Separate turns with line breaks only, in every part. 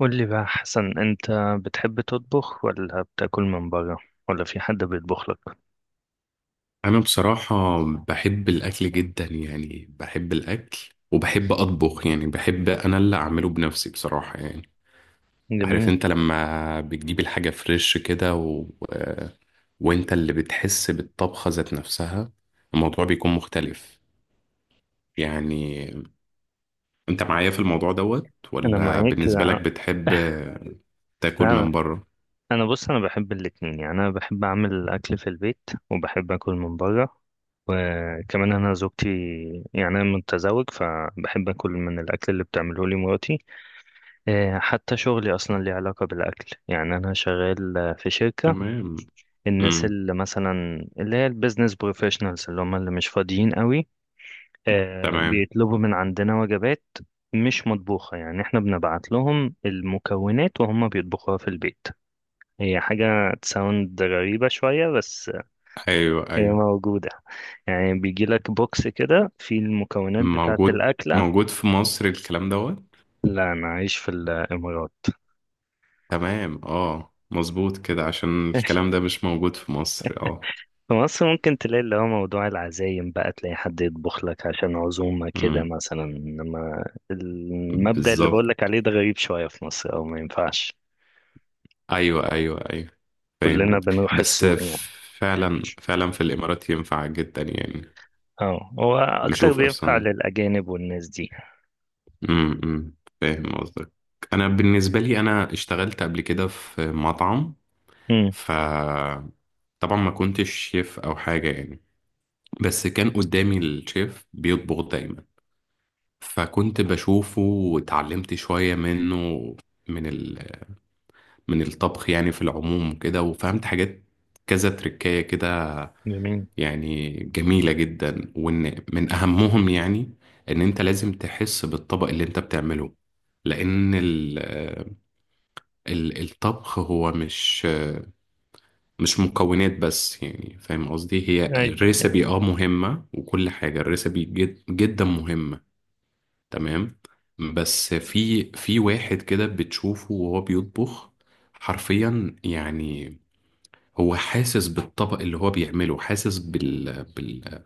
قول لي بقى حسن، انت بتحب تطبخ ولا بتاكل من بره ولا في حد بيطبخ لك؟
انا بصراحة بحب الاكل جدا، يعني بحب الاكل وبحب اطبخ، يعني بحب انا اللي اعمله بنفسي بصراحة يعني. عارف
جميل.
انت لما بتجيب الحاجة فريش كده وانت اللي بتحس بالطبخة ذات نفسها، الموضوع بيكون مختلف. يعني انت معايا في الموضوع دوت،
انا
ولا
معاك.
بالنسبة لك
لا،
بتحب تاكل
لا،
من بره؟
انا بص انا بحب الاتنين، يعني انا بحب اعمل الاكل في البيت وبحب اكل من بره. وكمان انا زوجتي، يعني انا متزوج، فبحب اكل من الاكل اللي بتعمله لي مراتي. حتى شغلي اصلا ليه علاقه بالاكل، يعني انا شغال في شركه.
تمام.
الناس
امم.
اللي مثلا اللي هي البيزنس بروفيشنالز اللي هم اللي مش فاضيين قوي،
تمام.
بيطلبوا من عندنا وجبات مش مطبوخة. يعني احنا بنبعت لهم المكونات وهم بيطبخوها في البيت. هي حاجة تساوند غريبة شوية، بس
ايوه
هي
ايوه.
موجودة. يعني بيجيلك بوكس كده فيه المكونات بتاعة
موجود،
الأكلة.
موجود في مصر الكلام دوت.
لا، أنا عايش في الإمارات.
تمام، اه مظبوط كده، عشان الكلام ده مش موجود في مصر، اه.
في مصر ممكن تلاقي اللي هو موضوع العزايم بقى، تلاقي حد يطبخ لك عشان عزومة كده
امم.
مثلا، إنما المبدأ اللي بقولك
بالظبط.
عليه ده غريب شوية في مصر أو ما ينفعش.
ايوه ايوه ايوه، فاهم
كلنا
قصدك.
بنروح
بس
السوق يعني.
فعلا فعلا في الامارات ينفع جدا يعني.
اه، هو اكتر
نشوف
بينفع
اصلا.
للاجانب والناس دي.
امم، أمم، فاهم قصدك. انا بالنسبه لي، انا اشتغلت قبل كده في مطعم.
امم.
ف طبعا ما كنتش شيف او حاجه يعني، بس كان قدامي الشيف بيطبخ دايما، فكنت بشوفه واتعلمت شويه منه، من من الطبخ يعني في العموم كده، وفهمت حاجات كذا تركاية كده،
جميل.
يعني جميلة جدا. وان من اهمهم يعني، ان انت لازم تحس بالطبق اللي انت بتعمله، لان ال ال الطبخ هو مش مكونات بس، يعني فاهم قصدي، هي
ايوه. أيوة.
الريسبي اه مهمة، وكل حاجة الريسبي جد جدا مهمة. تمام. بس في واحد كده بتشوفه وهو بيطبخ، حرفيا يعني هو حاسس بالطبق اللي هو بيعمله، حاسس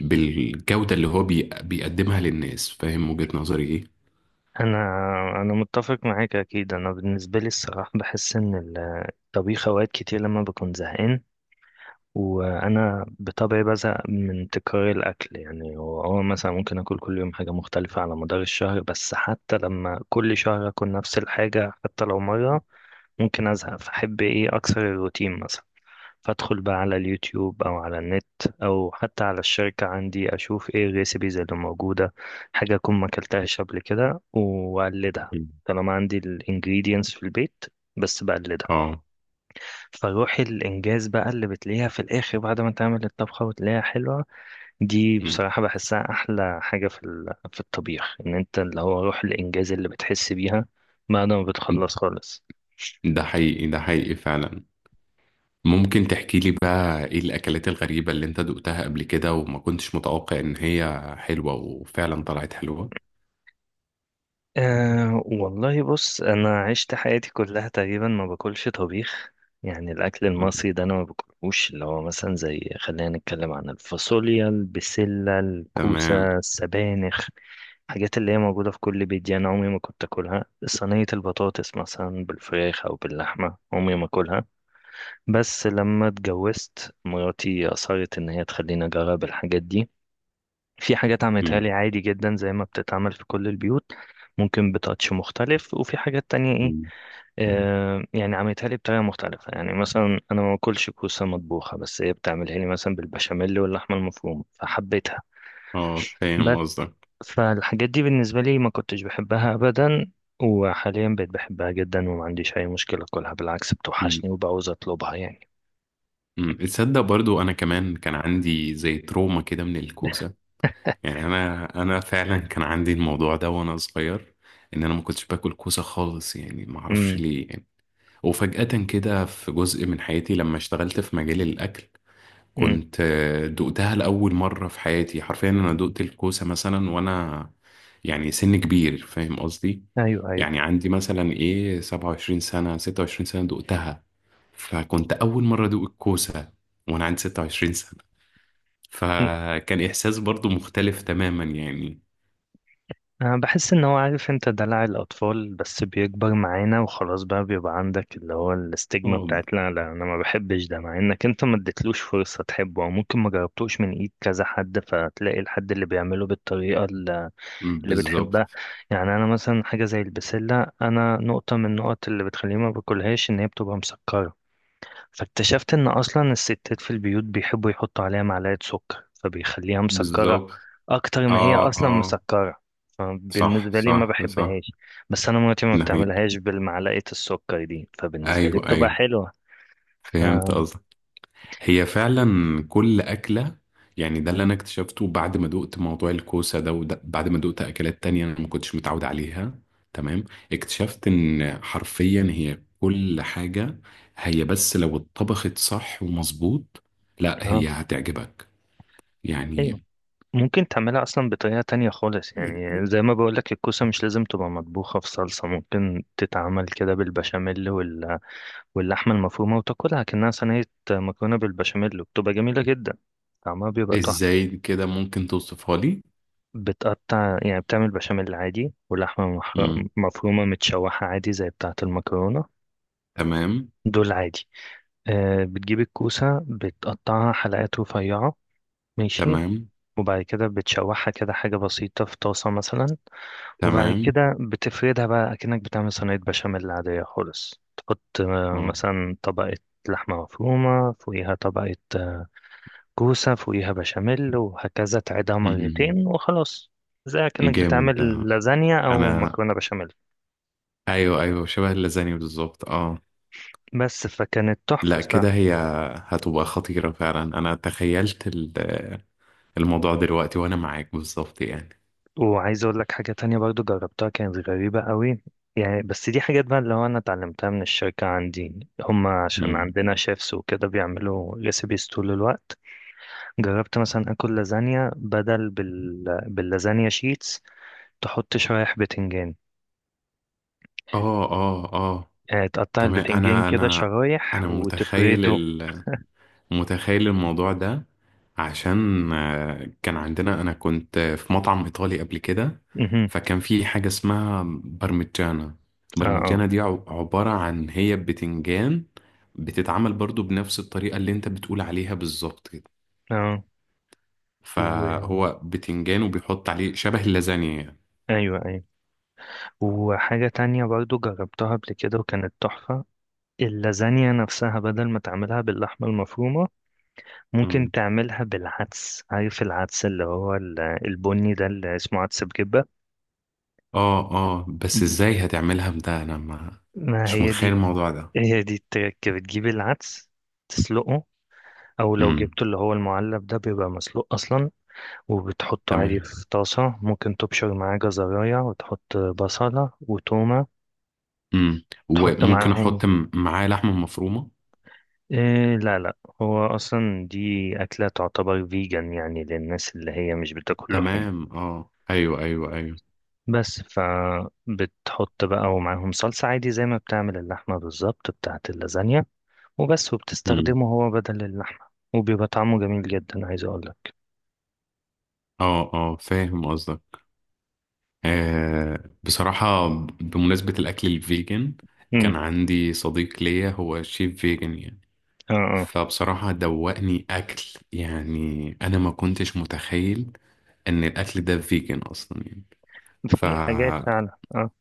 بالجودة اللي هو بيقدمها للناس. فاهم وجهة نظري ايه؟
انا انا متفق معاك اكيد. انا بالنسبه لي الصراحه بحس ان الطبيخ اوقات كتير لما بكون زهقان، وانا بطبعي بزهق من تكرار الاكل، يعني هو مثلا ممكن اكل كل يوم حاجه مختلفه على مدار الشهر، بس حتى لما كل شهر اكل نفس الحاجه حتى لو مره ممكن ازهق. فاحب ايه، اكسر الروتين مثلا. فادخل بقى على اليوتيوب او على النت او حتى على الشركة عندي، اشوف ايه الريسيبيز اللي موجودة، حاجة اكون ما اكلتهاش قبل كده واقلدها.
مم.
طالما عندي الانجريدينتس في البيت بس بقلدها.
اه.
فروح الانجاز بقى اللي بتلاقيها في الاخر بعد ما تعمل الطبخة وتلاقيها حلوة، دي
مم.
بصراحة بحسها احلى حاجة في الطبيخ، ان انت اللي هو روح الانجاز اللي بتحس بيها بعد ما بتخلص خالص.
ده حقيقي، ده حقيقي فعلا. ممكن تحكي لي بقى ايه الأكلات الغريبة اللي انت دقتها قبل كده، وما كنتش متوقع ان هي حلوة، وفعلا طلعت حلوة؟
أه والله، بص، أنا عشت حياتي كلها تقريبا ما باكلش طبيخ. يعني الأكل
مم.
المصري ده أنا ما باكلهوش، اللي هو مثلا زي خلينا نتكلم عن الفاصوليا، البسلة،
تمام.
الكوسة، السبانخ، الحاجات اللي هي موجودة في كل بيت دي، أنا عمري ما كنت أكلها. صينية البطاطس مثلا بالفراخ أو باللحمة عمري ما أكلها. بس لما اتجوزت، مراتي أصرت إن هي تخليني أجرب الحاجات دي. في حاجات عملتها لي
مم.
عادي جدا زي ما بتتعمل في كل البيوت، ممكن بتاتش مختلف، وفي حاجات تانية ايه،
مم.
يعني عملتها لي بطريقة مختلفة. يعني مثلا انا ما باكلش كوسة مطبوخة، بس هي بتعملها لي مثلا بالبشاميل واللحمة المفرومة فحبيتها.
اه، فاهم
بس
قصدك.
فالحاجات دي بالنسبة لي ما كنتش بحبها ابدا، وحاليا بقيت بحبها جدا وما عنديش اي مشكلة اكلها، بالعكس
مم.
بتوحشني وبعوز اطلبها يعني.
مم. تصدق، برضو انا كمان كان عندي زي تروما كده من الكوسة. يعني انا فعلا كان عندي الموضوع ده وانا صغير، ان انا ما كنتش باكل كوسه خالص، يعني ما اعرفش
امم،
ليه يعني. وفجأة كده في جزء من حياتي لما اشتغلت في مجال الاكل،
امم،
كنت دقتها لاول مره في حياتي حرفيا، انا دقت الكوسه مثلا وانا يعني سن كبير، فاهم قصدي.
ايوه، ايوه.
يعني عندي مثلا ايه 27 سنه، 26 سنه دقتها، فكنت اول مره ادوق الكوسه وانا عندي 26 سنه، فكان احساس برضو مختلف تماما يعني.
أنا بحس إن هو، عارف أنت، دلع الأطفال بس بيكبر معانا وخلاص، بقى بيبقى عندك اللي هو الاستجمة
اه ب-
بتاعت لا لا أنا ما بحبش ده، مع إنك أنت ما اديتلوش فرصة تحبه، أو ممكن ما جربتوش من إيد كذا حد فتلاقي الحد اللي بيعمله بالطريقة اللي
بالظبط.
بتحبها. يعني أنا مثلا حاجة زي البسلة، أنا نقطة من النقط اللي بتخليني ما باكلهاش إن هي بتبقى مسكرة. فاكتشفت ان اصلا الستات في البيوت بيحبوا يحطوا عليها معلقة سكر فبيخليها مسكرة
بالظبط.
اكتر
اه
ما هي اصلا
اه.
مسكرة.
صح
فبالنسبة لي ما
صح صح.
بحبهاش. بس انا مراتي ما
نهي.
بتعملهاش بالمعلقة السكر دي، فبالنسبة لي
ايوه
بتبقى
ايوه،
حلوة. ف...
فهمت قصدك. هي فعلا كل اكله، يعني ده اللي انا اكتشفته بعد ما دقت موضوع الكوسه ده، وده بعد ما دقت اكلات تانية انا ما كنتش متعود عليها. تمام. اكتشفت ان حرفيا هي كل حاجه، هي بس لو اتطبخت صح ومظبوط، لا
اه،
هي هتعجبك
ايوه.
يعني.
ممكن تعملها اصلا بطريقة تانية خالص، يعني زي ما بقولك الكوسة مش لازم تبقى مطبوخة في صلصة. ممكن تتعمل كده بالبشاميل واللحمة المفرومة وتاكلها كأنها صينية مكرونة بالبشاميل، وبتبقى جميلة جدا، طعمها بيبقى تحفة.
ازاي كده ممكن توصفها
بتقطع، يعني بتعمل بشاميل عادي، ولحمة
لي؟
مفرومة متشوحة عادي زي بتاعة المكرونة،
تمام.
دول عادي. بتجيب الكوسة بتقطعها حلقات رفيعة، ماشي،
تمام.
وبعد كده بتشوحها كده حاجة بسيطة في طاسة مثلا، وبعد
تمام.
كده بتفردها بقى أكنك بتعمل صينية بشاميل عادية خالص. تحط
اه.
مثلا طبقة لحمة مفرومة، فوقيها طبقة كوسة، فوقيها بشاميل، وهكذا تعيدها
مم.
مرتين وخلاص. زي كأنك
جامد
بتعمل
ده.
لازانيا أو
انا،
مكرونة بشاميل.
ايوه ايوه، شبه اللازاني بالظبط اه.
بس فكانت تحفة
لا
صراحة.
كده هي هتبقى خطيرة فعلا، انا تخيلت الموضوع دلوقتي وانا معاك بالظبط يعني.
وعايز أقول لك حاجة تانية برضو جربتها كانت غريبة قوي، يعني بس دي حاجات بقى اللي هو أنا اتعلمتها من الشركة عندي، هما عشان
مم.
عندنا شيفs وكده بيعملوا ريسيبيز طول الوقت. جربت مثلا آكل لازانيا بدل باللازانيا شيتس، تحط شرايح بتنجان.
اه اه اه.
يعني تقطع
تمام.
البتنجان
انا
كده
انا
شرايح
انا متخيل،
وتفرده.
متخيل الموضوع ده، عشان كان عندنا، انا كنت في مطعم ايطالي قبل كده، فكان في حاجة اسمها برمجانا.
اه، اه،
برمجانا دي عبارة عن هي بتنجان، بتتعمل برضو بنفس الطريقة اللي انت بتقول عليها بالظبط كده،
اه. و...
فهو بتنجان وبيحط عليه شبه اللازانيا يعني.
ايوه، ايوه. وحاجة تانية برضو جربتها قبل كده وكانت تحفة، اللازانيا نفسها بدل ما تعملها باللحمة المفرومة ممكن
مم.
تعملها بالعدس. عارف العدس اللي هو البني ده اللي اسمه عدس بجبة.
اه اه، بس ازاي هتعملها ده؟ انا ما
ما
مش
هي
متخيل
دي
الموضوع ده.
هي دي التركة. بتجيب العدس تسلقه، او لو
امم.
جبته اللي هو المعلب ده بيبقى مسلوق اصلا، وبتحطه عادي
تمام.
في طاسة. ممكن تبشر معاه جزراية وتحط بصلة وتومة،
امم،
تحط
وممكن
معاهم،
احط معاه لحمة مفرومة؟
إيه، لا لا، هو أصلا دي أكلة تعتبر فيجن يعني، للناس اللي هي مش بتاكل لحوم.
تمام. اه ايوه ايوه ايوه.
بس فبتحط بقى، ومعاهم صلصة عادي زي ما بتعمل اللحمة بالظبط بتاعة اللازانيا، وبس.
مم.
وبتستخدمه هو بدل اللحمة وبيبقى طعمه جميل جدا، عايز أقولك.
اه اه، فاهم قصدك. آه بصراحة، بمناسبة الأكل الفيجن،
امم،
كان عندي صديق ليا هو شيف فيجن يعني.
اه، اه.
فبصراحة دوقني أكل، يعني أنا ما كنتش متخيل إن الأكل ده فيجن أصلا يعني.
في حاجات
ففي
فعلا، اه،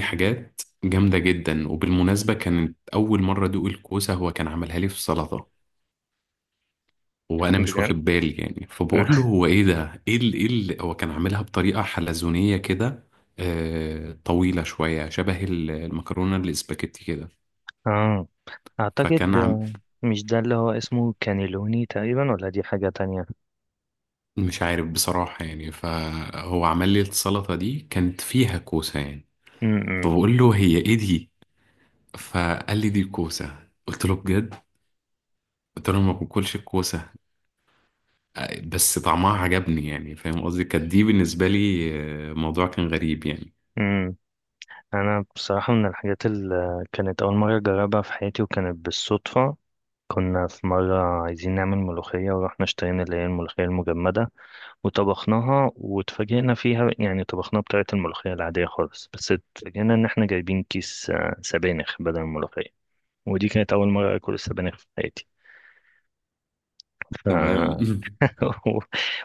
حاجات جامدة جدا. وبالمناسبة، كانت أول مرة أدوق الكوسة هو كان عملها لي في سلطة، وانا مش
بجد.
واخد بالي يعني،
اه،
فبقول له هو ايه ده، هو كان عاملها بطريقه حلزونيه كده، آه طويله شويه، شبه المكرونه الاسباجيتي كده.
آه. أعتقد
فكان عم
مش ده اللي هو اسمه كانيلوني تقريبا ولا دي حاجة تانية؟
مش عارف بصراحه يعني، فهو عمل لي السلطه دي كانت فيها كوسه يعني، فبقول له هي ايه دي، فقال لي دي كوسه، قلت له بجد، قلت له ما باكلش الكوسه، بس طعمها عجبني، يعني فاهم قصدي، كانت دي بالنسبه لي موضوع كان غريب يعني.
امم. انا بصراحة من الحاجات اللي كانت اول مرة اجربها في حياتي وكانت بالصدفة، كنا في مرة عايزين نعمل ملوخية ورحنا اشترينا اللي هي الملوخية المجمدة، وطبخناها واتفاجئنا فيها. يعني طبخناها بطريقة الملوخية العادية خالص، بس اتفاجئنا ان احنا جايبين كيس سبانخ بدل الملوخية. ودي كانت اول مرة اكل السبانخ في حياتي. ف...
تمام.
و-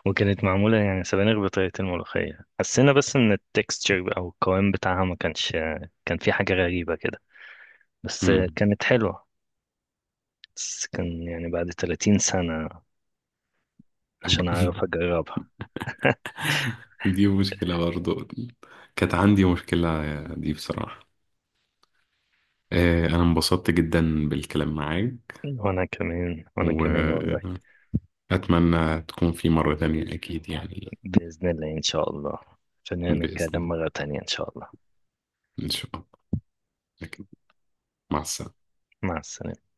وكانت معمولة يعني سبانخ بطريقة الملوخية. حسينا بس ان التكستشر او القوام بتاعها ما كانش، كان في حاجة غريبة كده، بس
مم.
كانت حلوة. بس كان يعني بعد 30 سنة عشان أعرف أجربها.
دي مشكلة برضو، كانت عندي مشكلة دي بصراحة. أنا انبسطت جدا بالكلام معاك.
وأنا كمان، وأنا كمان والله.
وأتمنى تكون في مرة تانية أكيد يعني.
بإذن الله إن شاء الله. خلينا نتكلم
بإذن،
مرة تانية إن شاء الله.
إن شاء الله أكيد. مع السلامة.
مع السلامة.